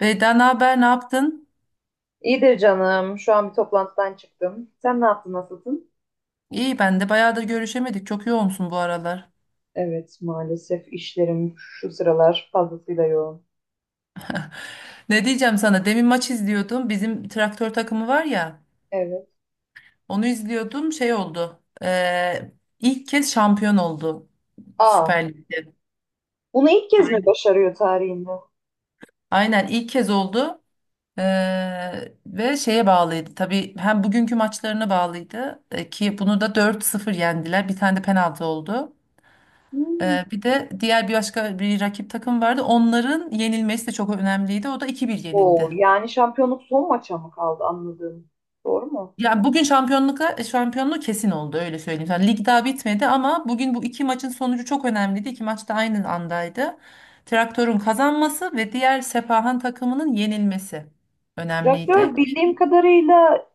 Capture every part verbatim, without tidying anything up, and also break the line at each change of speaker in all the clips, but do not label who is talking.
Beyda, ne haber, ne yaptın?
İyidir canım. Şu an bir toplantıdan çıktım. Sen ne yaptın, nasılsın?
İyi, ben de bayağıdır görüşemedik. Çok yoğunsun bu aralar.
Evet, maalesef işlerim şu sıralar fazlasıyla yoğun.
Ne diyeceğim sana? Demin maç izliyordum. Bizim Traktör takımı var ya.
Evet.
Onu izliyordum. Şey oldu. eee, ilk kez şampiyon oldu
Aa,
Süper Lig'de.
bunu ilk kez mi başarıyor tarihinde?
Aynen, ilk kez oldu. Eee, ve şeye bağlıydı. Tabii hem bugünkü maçlarına bağlıydı. E, ki bunu da dört sıfır yendiler. Bir tane de penaltı oldu.
Hmm.
Ee, bir de diğer bir başka bir rakip takım vardı. Onların yenilmesi de çok önemliydi. O da iki bir
Oo,
yenildi.
yani şampiyonluk son maça mı kaldı anladığım. Doğru mu?
Yani bugün şampiyonluğa şampiyonluğu kesin oldu, öyle söyleyeyim. Yani lig daha bitmedi ama bugün bu iki maçın sonucu çok önemliydi. İki maç da aynı andaydı. Traktör'ün kazanması ve diğer Sepahan takımının yenilmesi önemliydi
Traktör
ki.
bildiğim kadarıyla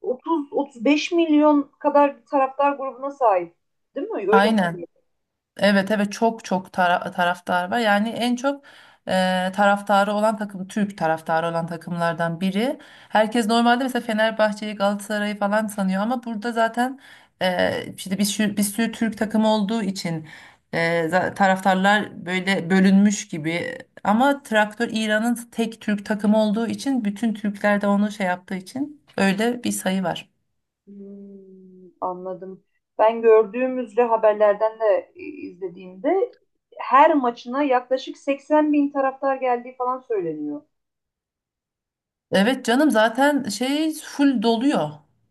otuz otuz beş milyon kadar bir taraftar grubuna sahip. Değil mi? Öyle.
Aynen. Evet, evet, çok çok tara- taraftar var. Yani en çok e, taraftarı olan takım, Türk taraftarı olan takımlardan biri. Herkes normalde mesela Fenerbahçe'yi, Galatasaray'ı falan sanıyor ama burada zaten e, işte bir sürü, bir sürü Türk takımı olduğu için, e, za- taraftarlar böyle bölünmüş gibi. Ama Traktör İran'ın tek Türk takımı olduğu için, bütün Türkler de onu şey yaptığı için öyle bir sayı var.
Hmm, anladım. Ben gördüğümüzde haberlerden de e, izlediğimde her maçına yaklaşık seksen bin taraftar geldiği falan söyleniyor.
Evet canım, zaten şey full doluyor.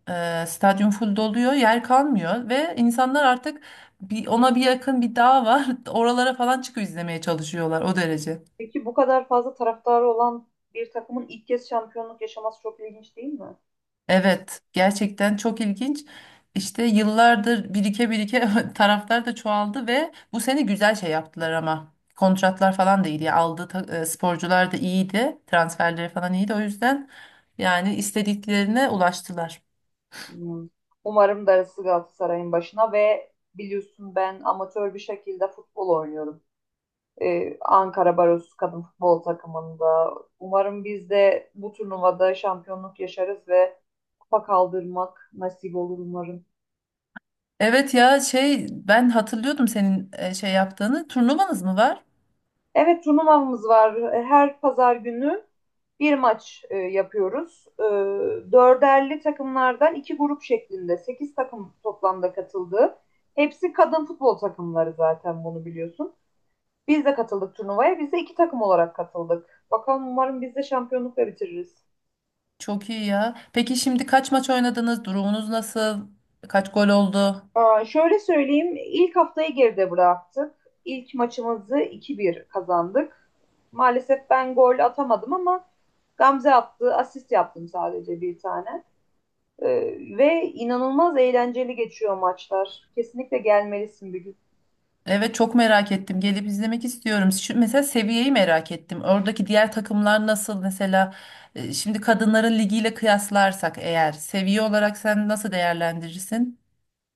Ee, stadyum full doluyor, yer kalmıyor ve insanlar artık bir, ona bir yakın bir dağ var. Oralara falan çıkıp izlemeye çalışıyorlar, o derece.
Peki bu kadar fazla taraftarı olan bir takımın ilk kez şampiyonluk yaşaması çok ilginç değil mi?
Evet, gerçekten çok ilginç. İşte yıllardır birike birike taraftar da çoğaldı ve bu sene güzel şey yaptılar ama. Kontratlar falan da iyiydi. Aldığı ta- e, sporcular da iyiydi. Transferleri falan iyiydi. O yüzden yani istediklerine ulaştılar.
Bilmiyorum. Umarım darısı Galatasaray'ın başına ve biliyorsun ben amatör bir şekilde futbol oynuyorum. Ee, Ankara Barosu kadın futbol takımında. Umarım biz de bu turnuvada şampiyonluk yaşarız ve kupa kaldırmak nasip olur umarım.
Evet ya, şey, ben hatırlıyordum senin e, şey yaptığını. Turnuvanız mı var?
Evet, turnuvamız var. E, Her pazar günü bir maç e, yapıyoruz. E, dörderli takımlardan iki grup şeklinde sekiz takım toplamda katıldı. Hepsi kadın futbol takımları zaten bunu biliyorsun. Biz de katıldık turnuvaya. Biz de iki takım olarak katıldık. Bakalım, umarım biz de şampiyonlukla bitiririz.
Çok iyi ya. Peki şimdi kaç maç oynadınız? Durumunuz nasıl? Kaç gol oldu?
Aa, şöyle söyleyeyim, ilk haftayı geride bıraktık. İlk maçımızı iki bir kazandık. Maalesef ben gol atamadım ama Gamze attı, asist yaptım sadece bir tane. Ee, ve inanılmaz eğlenceli geçiyor maçlar. Kesinlikle gelmelisin bir gün.
Evet, çok merak ettim. Gelip izlemek istiyorum. Şu, mesela, seviyeyi merak ettim. Oradaki diğer takımlar nasıl? Mesela e, şimdi kadınların ligiyle kıyaslarsak eğer, seviye olarak sen nasıl değerlendirirsin?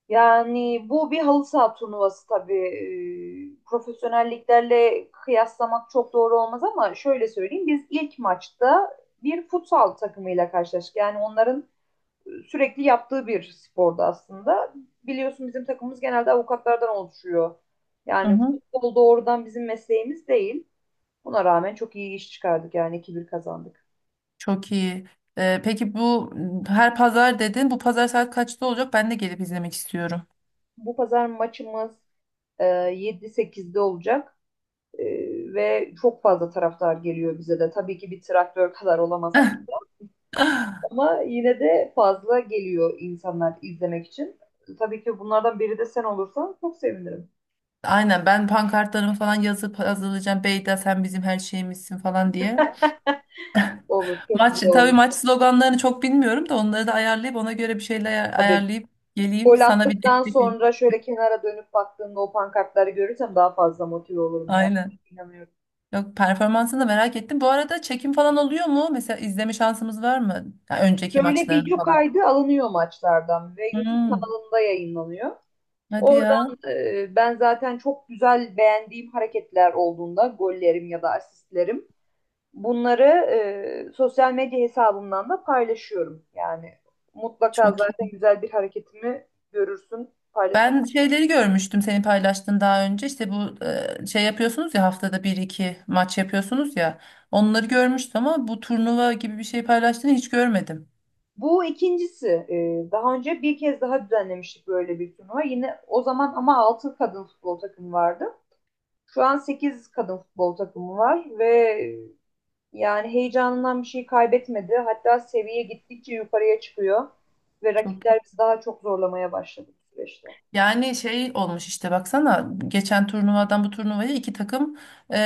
Yani bu bir halı saha turnuvası tabii. Ee, profesyonelliklerle kıyaslamak çok doğru olmaz ama şöyle söyleyeyim, biz ilk maçta bir futsal takımıyla karşılaştık. Yani onların sürekli yaptığı bir spordu aslında. Biliyorsun bizim takımımız genelde avukatlardan oluşuyor.
Hı
Yani
hı.
futbol doğrudan bizim mesleğimiz değil. Buna rağmen çok iyi iş çıkardık, yani iki bir kazandık.
Çok iyi. E, peki bu m, her pazar dedin. Bu pazar saat kaçta olacak? Ben de gelip izlemek istiyorum.
Bu pazar maçımız e, yedi sekizde olacak. E, Ve çok fazla taraftar geliyor bize de. Tabii ki bir traktör kadar olamasak ama yine de fazla geliyor insanlar izlemek için. Tabii ki bunlardan biri de sen olursan çok sevinirim.
Aynen, ben pankartlarımı falan yazıp hazırlayacağım. "Beyda sen bizim her şeyimizsin" falan diye.
Olur, çok
Maç
güzel
tabii
olur.
maç sloganlarını çok bilmiyorum da onları da ayarlayıp, ona göre bir şeyler ayar-
Tabii.
ayarlayıp geleyim.
Gol
Sana bir
attıktan
destek olayım.
sonra şöyle kenara dönüp baktığımda o pankartları görürsem daha fazla motive olurum ben.
Aynen.
İnanıyorum.
Yok, performansını da merak ettim. Bu arada çekim falan oluyor mu? Mesela izleme şansımız var mı, ya önceki
Şöyle
maçlarını
video
falan?
kaydı alınıyor maçlardan ve YouTube
Hmm,
kanalında yayınlanıyor.
hadi ya.
Oradan e, ben zaten çok güzel beğendiğim hareketler olduğunda gollerim ya da asistlerim bunları e, sosyal medya hesabımdan da paylaşıyorum. Yani mutlaka
Çok
zaten
iyi.
güzel bir hareketimi görürsün paylaşmadan.
Ben şeyleri görmüştüm, senin paylaştığın, daha önce, işte bu e, şey yapıyorsunuz ya, haftada bir iki maç yapıyorsunuz ya, onları görmüştüm ama bu turnuva gibi bir şey paylaştığını hiç görmedim.
Bu ikincisi. Ee, daha önce bir kez daha düzenlemiştik böyle bir turnuva. Yine o zaman ama altı kadın futbol takımı vardı. Şu an sekiz kadın futbol takımı var ve e, yani heyecanından bir şey kaybetmedi. Hatta seviye gittikçe yukarıya çıkıyor ve
Çok iyi.
rakipler bizi daha çok zorlamaya başladı bu süreçte.
Yani şey olmuş işte, baksana, geçen turnuvadan bu turnuvaya iki takım e,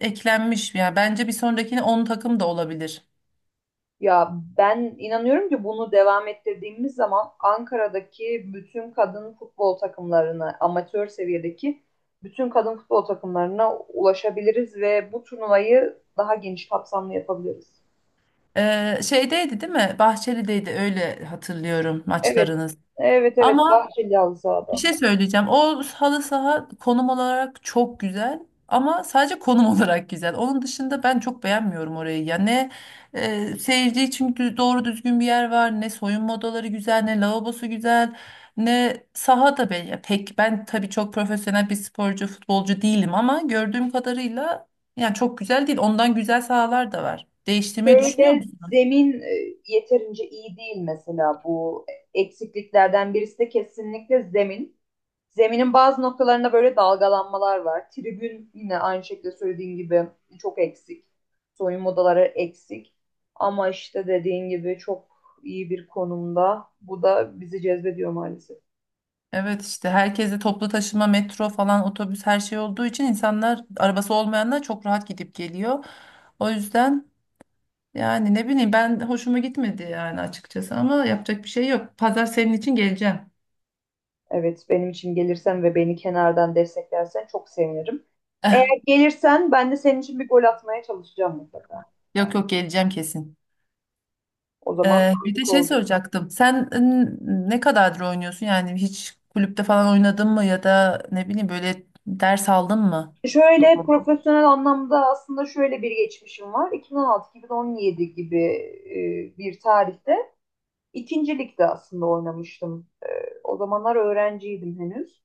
eklenmiş. Yani bence bir sonrakine on takım da olabilir.
Ya, ben inanıyorum ki bunu devam ettirdiğimiz zaman Ankara'daki bütün kadın futbol takımlarına, amatör seviyedeki bütün kadın futbol takımlarına ulaşabiliriz ve bu turnuvayı daha geniş kapsamlı yapabiliriz.
E, şeydeydi değil mi? Bahçeli'deydi, öyle hatırlıyorum
Evet,
maçlarınız.
evet, evet,
Ama
Bahçeli halı
Bir
sahada.
şey söyleyeceğim. O halı saha konum olarak çok güzel ama sadece konum olarak güzel. Onun dışında ben çok beğenmiyorum orayı. Ya ne e, seyirci için dü- doğru düzgün bir yer var, ne soyunma odaları güzel, ne lavabosu güzel, ne saha da be- ya, pek, ben tabii çok profesyonel bir sporcu, futbolcu değilim ama gördüğüm kadarıyla yani çok güzel değil. Ondan güzel sahalar da var. Değiştirmeyi düşünüyor
Şöyle
musun?
zemin e, yeterince iyi değil, mesela bu eksikliklerden birisi de kesinlikle zemin. Zeminin bazı noktalarında böyle dalgalanmalar var. Tribün yine aynı şekilde söylediğin gibi çok eksik. Soyunma odaları eksik. Ama işte dediğin gibi çok iyi bir konumda. Bu da bizi cezbediyor maalesef.
Evet işte, herkese toplu taşıma, metro falan, otobüs, her şey olduğu için, insanlar, arabası olmayanlar, çok rahat gidip geliyor. O yüzden yani, ne bileyim, ben hoşuma gitmedi yani açıkçası ama yapacak bir şey yok. Pazar senin için geleceğim.
Evet, benim için gelirsen ve beni kenardan desteklersen çok sevinirim. Eğer gelirsen ben de senin için bir gol atmaya çalışacağım mutlaka.
Yok yok, geleceğim kesin.
O zaman
Ee, bir de
büyük
şey
oldu.
soracaktım. Sen n- ne kadardır oynuyorsun? Yani hiç kulüpte falan oynadın mı, ya da ne bileyim, böyle ders aldın mı
Şöyle
futbol?
profesyonel anlamda aslında şöyle bir geçmişim var. iki bin on altı-iki bin on yedi gibi e, bir tarihte İkincilikte aslında oynamıştım. O zamanlar öğrenciydim henüz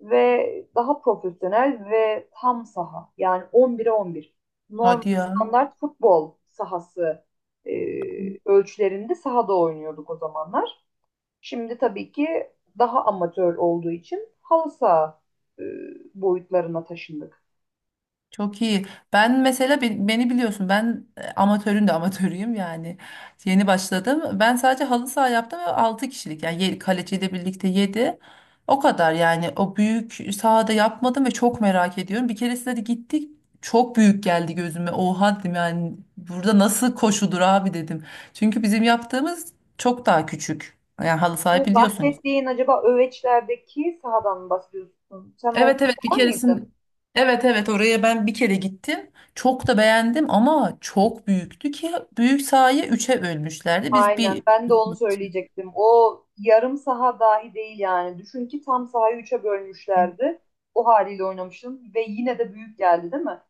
ve daha profesyonel ve tam saha, yani on bire on bir, normal
Hadi ya.
standart futbol sahası e, ölçülerinde sahada oynuyorduk o zamanlar. Şimdi tabii ki daha amatör olduğu için halı saha e, boyutlarına taşındık.
Çok iyi. Ben mesela, be- beni biliyorsun, ben e, amatörün de amatörüyüm yani. Yeni başladım. Ben sadece halı saha yaptım ve altı kişilik yani ye- kaleciyle birlikte yedi. O kadar, yani o büyük sahada yapmadım ve çok merak ediyorum. Bir keresinde de gittik, çok büyük geldi gözüme. "Oha" dedim, yani burada nasıl koşudur abi dedim. Çünkü bizim yaptığımız çok daha küçük. Yani halı saha
Bu
biliyorsun.
bahsettiğin acaba Öveçler'deki sahadan mı bahsediyorsun? Sen o
Evet evet, bir
maçta var mıydın?
keresin evet evet, oraya ben bir kere gittim. Çok da beğendim ama çok büyüktü ki büyük sahayı üçe bölmüşlerdi. Biz
Aynen.
bir.
Ben de onu söyleyecektim. O yarım saha dahi değil yani. Düşün ki tam sahayı üçe bölmüşlerdi. O haliyle oynamıştım ve yine de büyük geldi, değil mi?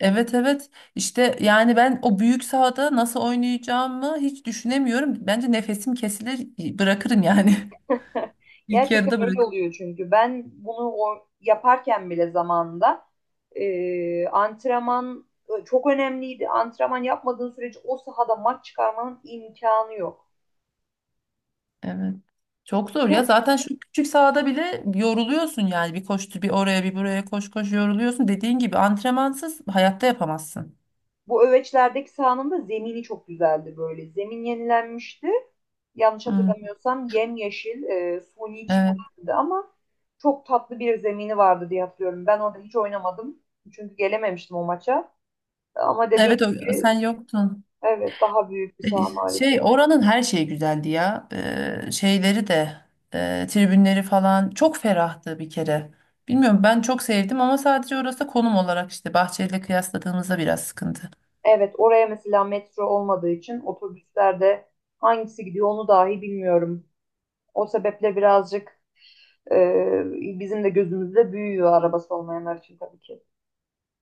Evet evet, işte yani ben o büyük sahada nasıl oynayacağımı hiç düşünemiyorum. Bence nefesim kesilir, bırakırım yani. İlk
Gerçekten
yarıda
öyle
bırakırım.
oluyor çünkü. Ben bunu o yaparken bile zamanında e, antrenman e, çok önemliydi. Antrenman yapmadığın sürece o sahada maç çıkarmanın imkanı yok.
Evet. Çok zor ya,
Bu
zaten şu küçük sahada bile yoruluyorsun yani, bir koştu, bir oraya bir buraya, koş koş, yoruluyorsun. Dediğin gibi, antrenmansız hayatta yapamazsın.
Bu öveçlerdeki sahanın da zemini çok güzeldi böyle. Zemin yenilenmişti. Yanlış
Hı.
hatırlamıyorsam yemyeşil, e, suni
Evet.
çimlendi ama çok tatlı bir zemini vardı diye hatırlıyorum. Ben orada hiç oynamadım. Çünkü gelememiştim o maça. Ama dediğin
Evet, o-
gibi,
sen yoktun.
evet, daha büyük bir
E,
saha
Şey,
maalesef.
oranın her şeyi güzeldi ya. E, şeyleri de e, tribünleri falan çok ferahtı bir kere. Bilmiyorum, ben çok sevdim ama sadece, orası da konum olarak işte Bahçeli'yle kıyasladığımızda biraz sıkıntı.
Evet, oraya mesela metro olmadığı için otobüslerde hangisi gidiyor onu dahi bilmiyorum. O sebeple birazcık e, bizim de gözümüzde büyüyor arabası olmayanlar için tabii ki.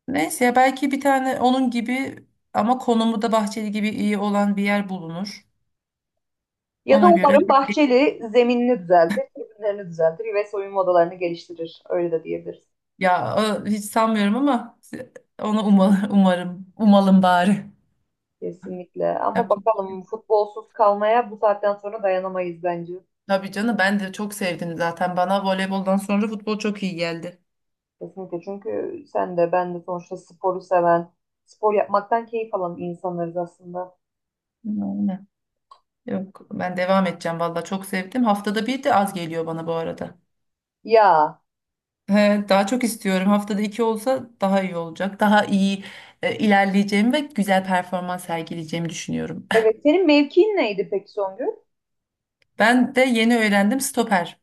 Neyse ya, belki bir tane onun gibi ama konumu da Bahçeli gibi iyi olan bir yer bulunur.
Ya da
Ona göre.
umarım Bahçeli zeminini düzeltir, tribünlerini düzeltir ve soyunma odalarını geliştirir. Öyle de diyebiliriz.
Ya, o- hiç sanmıyorum ama onu umalım, umarım, umalım bari.
Kesinlikle. Ama
Yapacak.
bakalım, futbolsuz kalmaya bu saatten sonra dayanamayız bence.
Tabii canım, ben de çok sevdim zaten. Bana voleyboldan sonra futbol çok iyi geldi.
Kesinlikle. Çünkü sen de ben de sonuçta sporu seven, spor yapmaktan keyif alan insanlarız aslında.
Aynen. Yok, ben devam edeceğim valla, çok sevdim. Haftada bir de az geliyor bana bu arada.
Ya,
He, daha çok istiyorum. Haftada iki olsa daha iyi olacak. Daha iyi e, ilerleyeceğimi ve güzel performans sergileyeceğimi düşünüyorum.
evet. Senin mevkiin neydi peki, Songül?
Ben de yeni öğrendim, stoper.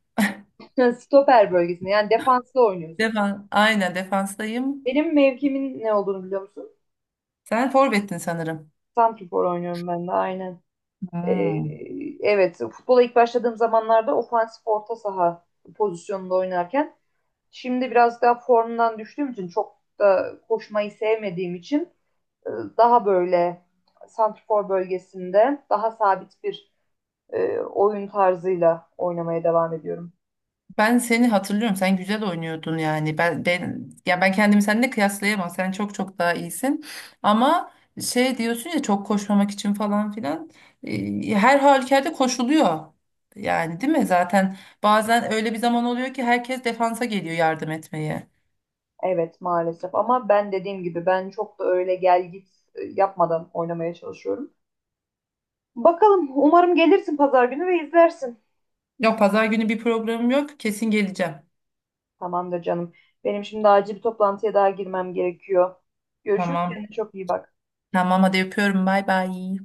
Stoper bölgesinde. Yani defansta oynuyorsun.
Defan, aynen, defanstayım.
Benim mevkimin ne olduğunu biliyor musun?
Sen forvettin sanırım.
Santrfor oynuyorum ben de aynen. Ee,
Hmm.
evet, futbola ilk başladığım zamanlarda ofansif orta saha pozisyonunda oynarken şimdi biraz daha formdan düştüğüm için, çok da koşmayı sevmediğim için, e, daha böyle santrfor bölgesinde daha sabit bir e, oyun tarzıyla oynamaya devam ediyorum.
Ben seni hatırlıyorum. Sen güzel oynuyordun yani. Ben ben, ya ben kendimi seninle kıyaslayamam. Sen çok çok daha iyisin. Ama şey diyorsun ya, çok koşmamak için falan filan. Ee, Her halükarda koşuluyor. Yani değil mi? Zaten bazen öyle bir zaman oluyor ki, herkes defansa geliyor yardım etmeye.
Evet maalesef ama ben dediğim gibi ben çok da öyle gel git e, yapmadan oynamaya çalışıyorum. Bakalım, umarım gelirsin pazar günü ve izlersin.
Yok, pazar günü bir programım yok. Kesin geleceğim.
Tamamdır canım. Benim şimdi acil bir toplantıya daha girmem gerekiyor. Görüşürüz.
Tamam.
Kendine çok iyi bak.
Tamam, hadi öpüyorum. Bay bay.